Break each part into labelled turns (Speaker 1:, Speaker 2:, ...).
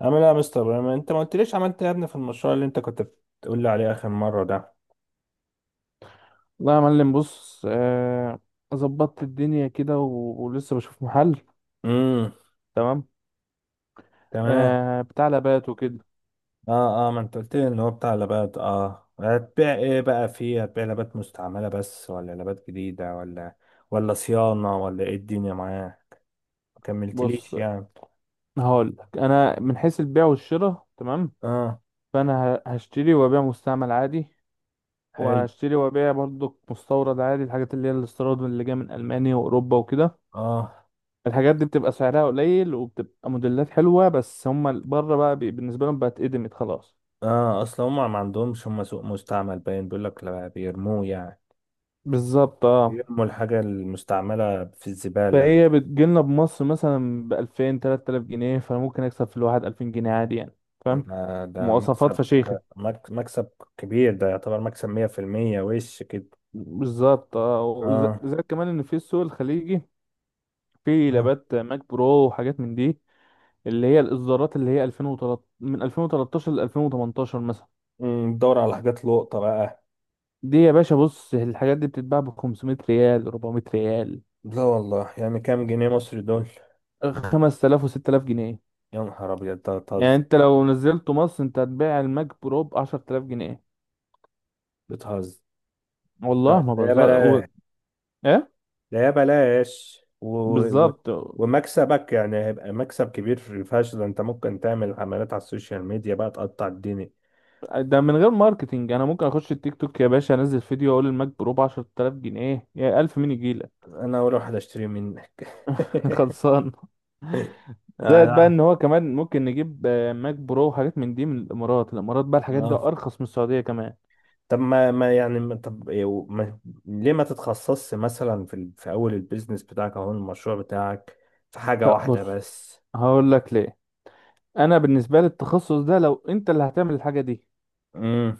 Speaker 1: عامل ايه يا مستر ابراهيم؟ انت ما قلتليش عملت ايه يا ابني في المشروع اللي انت كنت بتقول لي عليه اخر مره ده؟
Speaker 2: لا يا معلم، بص، ظبطت الدنيا كده ولسه بشوف محل.
Speaker 1: امم.
Speaker 2: تمام.
Speaker 1: تمام.
Speaker 2: بتاع لابات وكده.
Speaker 1: اه، اه، ما انت قلت لي ان هو بتاع لابات. اه هتبيع ايه بقى فيه؟ هتبيع لابات مستعمله بس، ولا لابات جديده، ولا صيانه، ولا ايه الدنيا معاه؟ ما
Speaker 2: بص،
Speaker 1: كملتليش يعني.
Speaker 2: هقول لك، انا من حيث البيع والشراء تمام.
Speaker 1: اه.
Speaker 2: فانا هشتري وابيع مستعمل عادي،
Speaker 1: حلو.
Speaker 2: وهشتري وابيع برضك مستورد عادي. الحاجات اللي هي الاستيراد اللي جايه من المانيا واوروبا وكده،
Speaker 1: اه.
Speaker 2: الحاجات دي بتبقى سعرها قليل وبتبقى موديلات حلوه، بس هم بره بقى بالنسبه لهم بقت اتقدمت خلاص.
Speaker 1: اه. اصلا هم ما عندهمش، هم سوق مستعمل باين، بيقول لك لا، بيرموه يعني.
Speaker 2: بالظبط، اه.
Speaker 1: بيرموا الحاجه المستعمله في الزباله.
Speaker 2: فهي بتجيلنا بمصر مثلا بألفين تلات آلاف جنيه، فممكن أكسب في الواحد 2000 جنيه عادي يعني. فاهم؟
Speaker 1: ما ده
Speaker 2: مواصفات
Speaker 1: مكسب.
Speaker 2: فشيخة.
Speaker 1: مكسب كبير. ده يعتبر مكسب 100% وش كده.
Speaker 2: بالظبط، اه.
Speaker 1: اه.
Speaker 2: زائد كمان إن في السوق الخليجي في
Speaker 1: اه.
Speaker 2: لابات ماك برو وحاجات من دي، اللي هي الإصدارات اللي هي 2013، من 2013 ل 2018 مثلا.
Speaker 1: دور على حاجات لقطة بقى.
Speaker 2: دي يا باشا بص، الحاجات دي بتتباع ب 500 ريال، 400 ريال،
Speaker 1: لا والله، يعني كام جنيه مصري دول؟
Speaker 2: 5000 و6000 جنيه.
Speaker 1: يا نهار ابيض، ده
Speaker 2: يعني
Speaker 1: بتهزر!
Speaker 2: انت لو نزلته مصر انت هتبيع الماك برو ب 10000 جنيه.
Speaker 1: بتهزر! لا،
Speaker 2: والله ما
Speaker 1: ده يا
Speaker 2: بهزر
Speaker 1: بلاش.
Speaker 2: إيه؟
Speaker 1: ده يا بلاش و...
Speaker 2: بالظبط.
Speaker 1: ومكسبك يعني هيبقى مكسب كبير فشخ. ده انت ممكن تعمل عملات على السوشيال ميديا بقى تقطع الدنيا.
Speaker 2: ده من غير ماركتينج، انا ممكن اخش التيك توك يا باشا، انزل فيديو اقول الماك برو ب 10000 جنيه يا 1000، مين يجيلك؟
Speaker 1: انا اول واحد اشتري منك.
Speaker 2: خلصان.
Speaker 1: آه،
Speaker 2: زائد بقى
Speaker 1: لا.
Speaker 2: ان هو كمان ممكن نجيب ماك برو وحاجات من دي من الامارات. الامارات بقى الحاجات دي
Speaker 1: اه.
Speaker 2: ارخص من السعوديه كمان.
Speaker 1: طب ما ما يعني ما طب يو- ما ليه ما تتخصصش مثلا في اول البيزنس بتاعك او المشروع بتاعك، في حاجة
Speaker 2: لا
Speaker 1: واحدة
Speaker 2: بص،
Speaker 1: بس.
Speaker 2: هقول لك ليه. انا بالنسبه لي التخصص ده لو انت اللي هتعمل الحاجه دي،
Speaker 1: امم.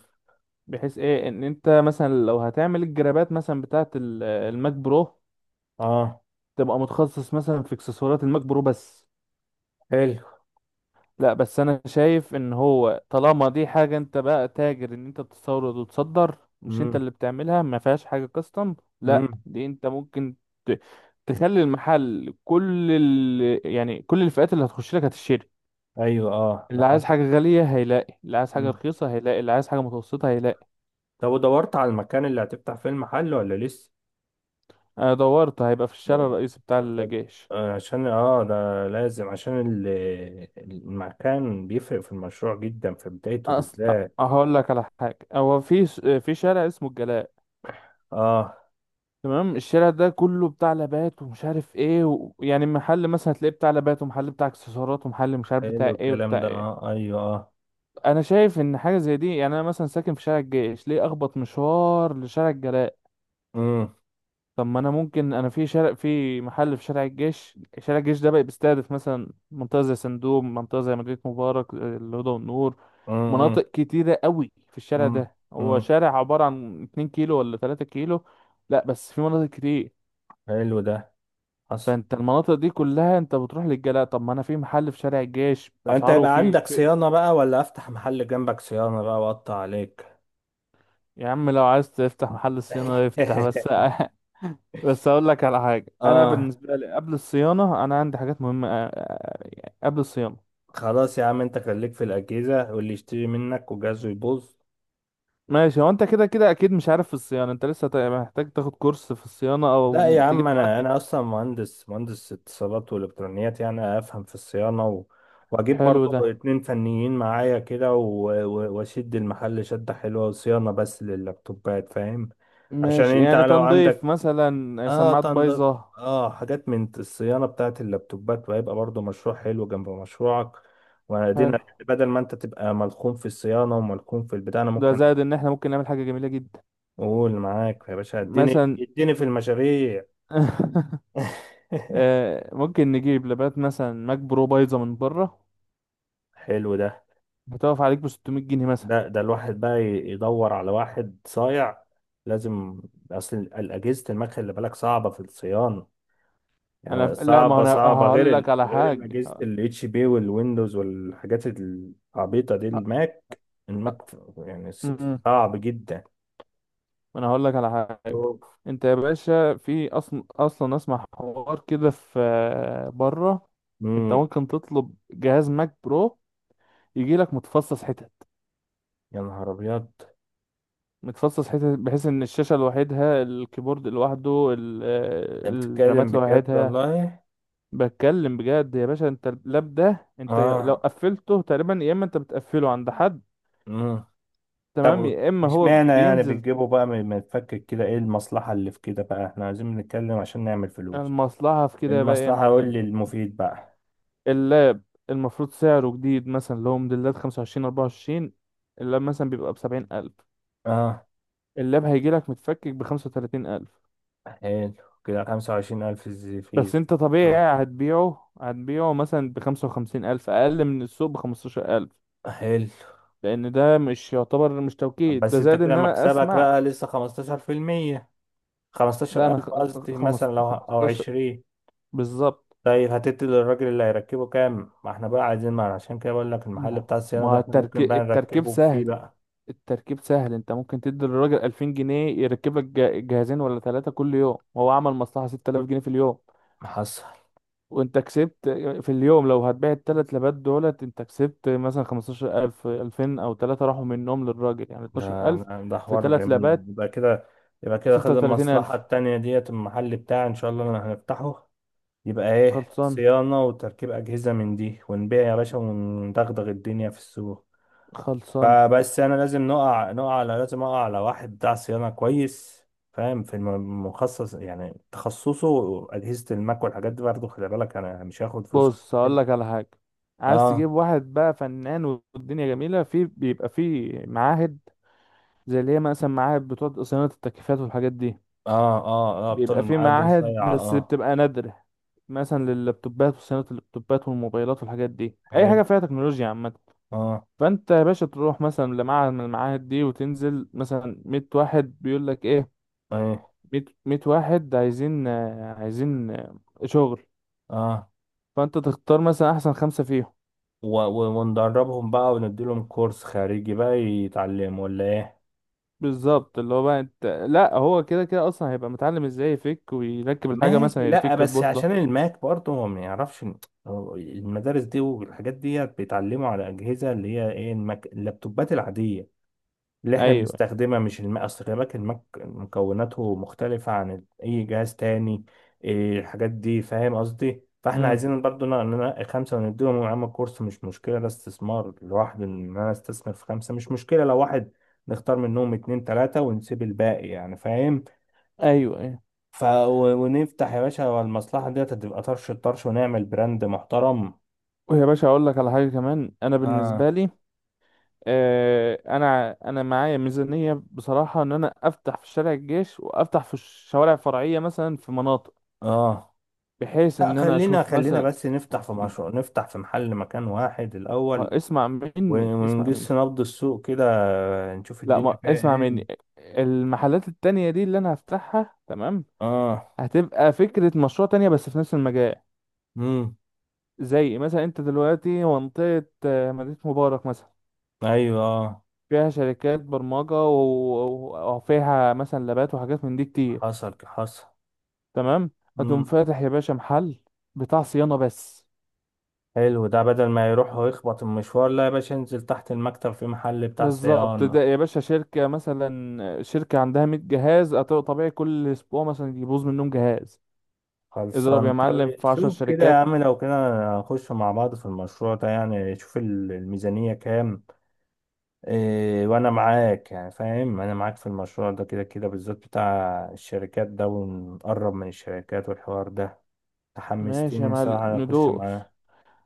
Speaker 2: بحيث ايه، ان انت مثلا لو هتعمل الجرابات مثلا بتاعه الماك برو،
Speaker 1: اه.
Speaker 2: تبقى متخصص مثلا في اكسسوارات الماك برو بس.
Speaker 1: حلو.
Speaker 2: لا بس انا شايف ان هو طالما دي حاجة انت بقى تاجر، ان انت بتستورد وتصدر، مش انت
Speaker 1: امم.
Speaker 2: اللي بتعملها، ما فيهاش حاجة كاستم. لا،
Speaker 1: امم.
Speaker 2: دي انت ممكن ت- تخلي المحل كل يعني كل الفئات اللي هتخش لك هتشتري.
Speaker 1: ايوه، اه، ده
Speaker 2: اللي عايز
Speaker 1: حصل.
Speaker 2: حاجة غالية هيلاقي، اللي عايز حاجة
Speaker 1: امم.
Speaker 2: رخيصة هيلاقي، اللي عايز حاجة متوسطة هيلاقي.
Speaker 1: طب ودورت على المكان اللي هتفتح فيه المحل، ولا لسه؟
Speaker 2: انا دورت، هيبقى في الشارع الرئيسي بتاع
Speaker 1: خد-
Speaker 2: الجيش.
Speaker 1: عشان ده لازم، المكان بيفرق في المشروع جدا في بدايته
Speaker 2: اصلا
Speaker 1: بالذات.
Speaker 2: هقول لك على حاجة، هو في في شارع اسمه الجلاء.
Speaker 1: اه،
Speaker 2: تمام، الشارع ده كله بتاع لابات ومش عارف ايه يعني محل مثلا هتلاقيه بتاع لابات، ومحل بتاع اكسسوارات، ومحل مش عارف بتاع
Speaker 1: حلو
Speaker 2: ايه
Speaker 1: الكلام
Speaker 2: وبتاع
Speaker 1: ده،
Speaker 2: ايه.
Speaker 1: اه، ايوه، اه.
Speaker 2: انا شايف ان حاجه زي دي يعني، انا مثلا ساكن في شارع الجيش، ليه اخبط مشوار لشارع الجلاء؟
Speaker 1: امم.
Speaker 2: طب ما انا ممكن، انا في شارع، في محل في شارع الجيش. شارع الجيش ده بقى بيستهدف مثلا منطقه زي سندوم، منطقه زي مدينه مبارك، الهدى والنور،
Speaker 1: امم.
Speaker 2: مناطق كتيره قوي. في الشارع ده، هو
Speaker 1: امم.
Speaker 2: شارع عباره عن 2 كيلو ولا 3 كيلو. لا بس في مناطق كتير.
Speaker 1: حلو ده. حصل.
Speaker 2: فانت المناطق دي كلها انت بتروح للجلاء؟ طب ما انا في محل في شارع الجيش،
Speaker 1: ده انت
Speaker 2: اسعاره
Speaker 1: يبقى عندك صيانة بقى، ولا افتح محل جنبك صيانة بقى واقطع عليك؟
Speaker 2: يا عم لو عايز تفتح محل صيانة افتح بس. بس اقول لك على حاجة، انا
Speaker 1: اه.
Speaker 2: بالنسبة لي قبل الصيانة، انا عندي حاجات مهمة، يعني قبل الصيانة.
Speaker 1: خلاص يا عم، انت خليك في الاجهزة واللي يشتري منك وجهازه يبوظ.
Speaker 2: ماشي، هو انت كده كده اكيد مش عارف في الصيانة، انت لسه محتاج تاخد كورس في الصيانة
Speaker 1: لا
Speaker 2: او
Speaker 1: يا عم،
Speaker 2: تجيب
Speaker 1: انا
Speaker 2: حد.
Speaker 1: انا اصلا مهندس اتصالات والكترونيات، يعني افهم في الصيانة، واجيب
Speaker 2: حلو ده.
Speaker 1: برضو اتنين فنيين معايا كده، واشد المحل شدة حلوة، وصيانة بس لللابتوبات فاهم. عشان
Speaker 2: ماشي،
Speaker 1: انت
Speaker 2: يعني
Speaker 1: لو
Speaker 2: تنظيف
Speaker 1: عندك،
Speaker 2: مثلا
Speaker 1: اه
Speaker 2: سماعات
Speaker 1: تنضف،
Speaker 2: بايظة.
Speaker 1: اه حاجات من الصيانة بتاعت اللابتوبات، وهيبقى برضو مشروع حلو جنب مشروعك. وادينا
Speaker 2: حلو
Speaker 1: يعني، بدل ما انت تبقى ملخوم في الصيانة وملخوم في البتاع، انا
Speaker 2: ده.
Speaker 1: ممكن
Speaker 2: زائد ان احنا ممكن نعمل حاجة جميلة جدا.
Speaker 1: اقول معاك يا باشا، اديني
Speaker 2: مثلا،
Speaker 1: اديني في المشاريع.
Speaker 2: ممكن نجيب لبات مثلا ماك برو بايظه من بره،
Speaker 1: حلو ده.
Speaker 2: هتقف عليك ب 600 جنيه مثلا.
Speaker 1: ده الواحد بقى يدور على واحد صايع، لازم. اصل الاجهزة المكن اللي بالك صعبة في الصيانة،
Speaker 2: انا
Speaker 1: يعني
Speaker 2: لا، ما
Speaker 1: صعبة
Speaker 2: انا
Speaker 1: صعبة،
Speaker 2: هقول لك على
Speaker 1: غير
Speaker 2: حاجه،
Speaker 1: أجهزة
Speaker 2: ه-
Speaker 1: ال HP والويندوز والحاجات العبيطة دي.
Speaker 2: ه-
Speaker 1: الماك، الماك يعني
Speaker 2: أمم،
Speaker 1: صعب جدا.
Speaker 2: انا هقول لك على حاجه.
Speaker 1: أوف.
Speaker 2: انت يا باشا، في اصلا اصلا، اسمع حوار كده، في بره انت
Speaker 1: مم.
Speaker 2: ممكن تطلب جهاز ماك برو، يجي لك متفصص حتت،
Speaker 1: يا نهار أبيض!
Speaker 2: متفصص حتت، بحيث ان الشاشه لوحدها، الكيبورد لوحده،
Speaker 1: أنت بتتكلم
Speaker 2: الرامات
Speaker 1: بجد
Speaker 2: لوحدها.
Speaker 1: والله.
Speaker 2: بتكلم بجد يا باشا. انت اللاب ده انت لو
Speaker 1: آه.
Speaker 2: قفلته تقريبا، يا اما انت بتقفله عند حد،
Speaker 1: مم.
Speaker 2: تمام،
Speaker 1: طب
Speaker 2: يا اما
Speaker 1: مش
Speaker 2: هو
Speaker 1: معنى يعني
Speaker 2: بينزل.
Speaker 1: بتجيبه بقى ما تفكر كده، إيه المصلحة اللي في كده بقى؟ إحنا عايزين نتكلم عشان نعمل فلوس.
Speaker 2: المصلحة في كده بقى ايه يا
Speaker 1: المصلحة قول
Speaker 2: معلم؟
Speaker 1: لي المفيد بقى.
Speaker 2: اللاب المفروض سعره جديد مثلا، اللي هو موديلات 25، 24، اللاب مثلا بيبقى ب70 ألف.
Speaker 1: آه.
Speaker 2: اللاب هيجيلك متفكك ب35 ألف.
Speaker 1: حلو. كده خمسة وعشرين ألف في.
Speaker 2: بس انت
Speaker 1: آه.
Speaker 2: طبيعي هتبيعه مثلا ب55 ألف، أقل من السوق ب15 ألف.
Speaker 1: حلو.
Speaker 2: لأن ده مش يعتبر، مش توكيد، ده
Speaker 1: بس انت
Speaker 2: زائد
Speaker 1: كده
Speaker 2: إن أنا
Speaker 1: مكسبك
Speaker 2: أسمع.
Speaker 1: بقى لسه 15%،
Speaker 2: لا، أنا
Speaker 1: 15000 قصدي مثلا، لو او
Speaker 2: 15.
Speaker 1: 20.
Speaker 2: بالظبط.
Speaker 1: طيب هتدي للراجل اللي هيركبه كام؟ ما احنا بقى عايزين، ما عشان كده بقول لك المحل
Speaker 2: ما
Speaker 1: بتاع الصيانة ده
Speaker 2: ما
Speaker 1: احنا ممكن
Speaker 2: التركيب
Speaker 1: بقى
Speaker 2: التركيب
Speaker 1: نركبه فيه
Speaker 2: سهل.
Speaker 1: بقى.
Speaker 2: التركيب سهل. انت ممكن تدي للراجل 2000 جنيه يركب لك جهازين ولا ثلاثة كل يوم، هو عمل مصلحة 6000 جنيه في اليوم.
Speaker 1: محصل.
Speaker 2: وانت كسبت في اليوم. لو هتبيع ال3 لبات دولت انت كسبت مثلا 15000، 2000 او ثلاثة راحوا منهم للراجل، يعني
Speaker 1: ده
Speaker 2: 12000.
Speaker 1: ده
Speaker 2: في
Speaker 1: حوار
Speaker 2: ثلاث
Speaker 1: جميل،
Speaker 2: لبات
Speaker 1: يبقى كده. يبقى كده، خد المصلحة
Speaker 2: 36000.
Speaker 1: التانية ديت، المحل بتاعي ان شاء الله اللي هنفتحه. يبقى ايه،
Speaker 2: خلصان.
Speaker 1: صيانة وتركيب أجهزة من دي، ونبيع يا باشا وندغدغ الدنيا في السوق.
Speaker 2: خلصان.
Speaker 1: فبس انا لازم نقع على، لازم اقع على واحد بتاع صيانه كويس، فاهم، مخصص، يعني تخصصه اجهزه الماك والحاجات دي، برضه خلي بالك انا مش هاخد فلوس
Speaker 2: بص، هقول
Speaker 1: كده.
Speaker 2: لك على حاجة، عايز
Speaker 1: اه،
Speaker 2: تجيب واحد بقى فنان والدنيا جميلة. في بيبقى في معاهد، زي اللي هي مثلا معاهد بتوع صيانة التكييفات والحاجات دي.
Speaker 1: اه، اه، اه، بطول
Speaker 2: بيبقى في
Speaker 1: الميعاد دول
Speaker 2: معاهد
Speaker 1: صيع،
Speaker 2: بس
Speaker 1: اه.
Speaker 2: بتبقى نادرة، مثلا لللابتوبات، وصيانة اللابتوبات والموبايلات والحاجات دي، أي
Speaker 1: حلو.
Speaker 2: حاجة فيها تكنولوجيا عامة.
Speaker 1: اه.
Speaker 2: فأنت يا باشا تروح مثلا لمعهد من المعاهد دي، وتنزل مثلا 100 واحد بيقول لك إيه؟
Speaker 1: ايه.
Speaker 2: مية، مية واحد عايزين شغل.
Speaker 1: اه.
Speaker 2: فأنت تختار مثلا أحسن خمسة فيهم.
Speaker 1: وندربهم بقى، ونديلهم كورس خارجي بقى يتعلموا، ولا ايه؟
Speaker 2: بالظبط، اللي هو بقى انت، لا، هو كده كده اصلا هيبقى متعلم ازاي يفك ويركب الحاجه،
Speaker 1: ماشي.
Speaker 2: مثلا
Speaker 1: لا
Speaker 2: يفك
Speaker 1: بس
Speaker 2: البورده.
Speaker 1: عشان الماك برضه، هو ما يعرفش هو المدارس دي والحاجات دي بيتعلموا على أجهزة اللي هي ايه، الماك، اللابتوبات العادية اللي احنا
Speaker 2: ايوه.
Speaker 1: بنستخدمها، مش الماك. اصل خلي بالك الماك مكوناته مختلفة عن اي جهاز تاني. إيه الحاجات دي، فاهم قصدي؟ فاحنا
Speaker 2: امم.
Speaker 1: عايزين برضه ننقي خمسة ونديهم يا عم كورس، مش مشكلة، ده استثمار لوحده، ان انا استثمر في خمسة مش مشكلة. لو واحد نختار منهم اتنين تلاتة ونسيب الباقي، يعني فاهم.
Speaker 2: ايوه.
Speaker 1: ف ونفتح يا باشا، والمصلحة ديت هتبقى طرش الطرش، ونعمل براند محترم.
Speaker 2: ويا باشا اقول لك على حاجه كمان. انا بالنسبه
Speaker 1: اه.
Speaker 2: لي، انا معايا ميزانيه بصراحه، ان انا افتح في شارع الجيش وافتح في الشوارع الفرعيه مثلا في مناطق،
Speaker 1: اه.
Speaker 2: بحيث
Speaker 1: لا،
Speaker 2: ان انا
Speaker 1: خلينا،
Speaker 2: اشوف
Speaker 1: خلينا
Speaker 2: مثلا.
Speaker 1: بس نفتح في
Speaker 2: م-
Speaker 1: مشروع، نفتح في محل مكان واحد الأول،
Speaker 2: اسمع مني، اسمع
Speaker 1: ونجس
Speaker 2: مني.
Speaker 1: نبض السوق كده، نشوف
Speaker 2: لا،
Speaker 1: الدنيا
Speaker 2: ما
Speaker 1: فيها
Speaker 2: اسمع
Speaker 1: ايه.
Speaker 2: مني. المحلات التانية دي اللي انا هفتحها، تمام،
Speaker 1: اه.
Speaker 2: هتبقى فكره مشروع تانية بس في نفس المجال.
Speaker 1: امم.
Speaker 2: زي مثلا انت دلوقتي منطقه مدينه مبارك مثلا،
Speaker 1: ايوه، آه.
Speaker 2: فيها شركات برمجه، وفيها مثلا لابات وحاجات من دي كتير.
Speaker 1: حصل، حصل.
Speaker 2: تمام. هتقوم
Speaker 1: امم.
Speaker 2: فاتح يا باشا محل بتاع صيانة بس.
Speaker 1: حلو ده، بدل ما يروح ويخبط المشوار، لا يا باشا انزل تحت المكتب في محل بتاع
Speaker 2: بالظبط. ده
Speaker 1: صيانة.
Speaker 2: يا باشا شركة، مثلا شركة عندها 100 جهاز طبيعي كل أسبوع مثلا يبوظ منهم جهاز. اضرب
Speaker 1: خلصان.
Speaker 2: يا
Speaker 1: طب
Speaker 2: معلم في 10
Speaker 1: شوف كده يا
Speaker 2: شركات.
Speaker 1: عم، لو كده نخش مع بعض في المشروع ده، يعني شوف الميزانية كام. إيه، وانا معاك يعني فاهم، انا معاك في المشروع ده كده كده، بالذات بتاع الشركات ده، ونقرب من الشركات والحوار ده.
Speaker 2: ماشي يا
Speaker 1: تحمستني
Speaker 2: معلم،
Speaker 1: صراحة اخش
Speaker 2: ندوس.
Speaker 1: معاه.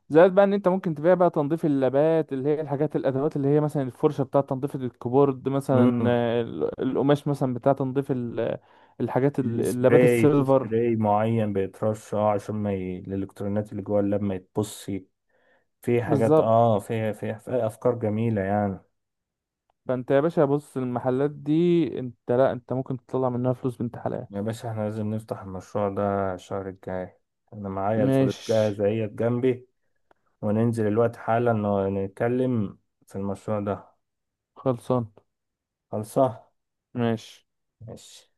Speaker 2: زائد بقى ان انت ممكن تبيع بقى تنظيف اللابات، اللي هي الحاجات، الادوات اللي هي مثلا الفرشه بتاع تنظيف الكيبورد مثلا،
Speaker 1: امم.
Speaker 2: القماش مثلا بتاع تنظيف الحاجات، اللابات
Speaker 1: السبراي، في
Speaker 2: السيلفر.
Speaker 1: سبراي معين بيترش، اه، عشان ما الالكترونات اللي جوه اللاب ما يتبصي. في حاجات،
Speaker 2: بالظبط.
Speaker 1: اه، في افكار جميلة يعني.
Speaker 2: فانت يا باشا بص، المحلات دي انت، لا، انت ممكن تطلع منها فلوس بنت حلال.
Speaker 1: يا باشا، احنا لازم نفتح المشروع ده الشهر الجاي. انا معايا الفلوس
Speaker 2: ماشي.
Speaker 1: جاهزة اهي جنبي، وننزل الوقت حالا نتكلم في المشروع ده.
Speaker 2: خلصان.
Speaker 1: خلصة.
Speaker 2: ماشي.
Speaker 1: ماشي.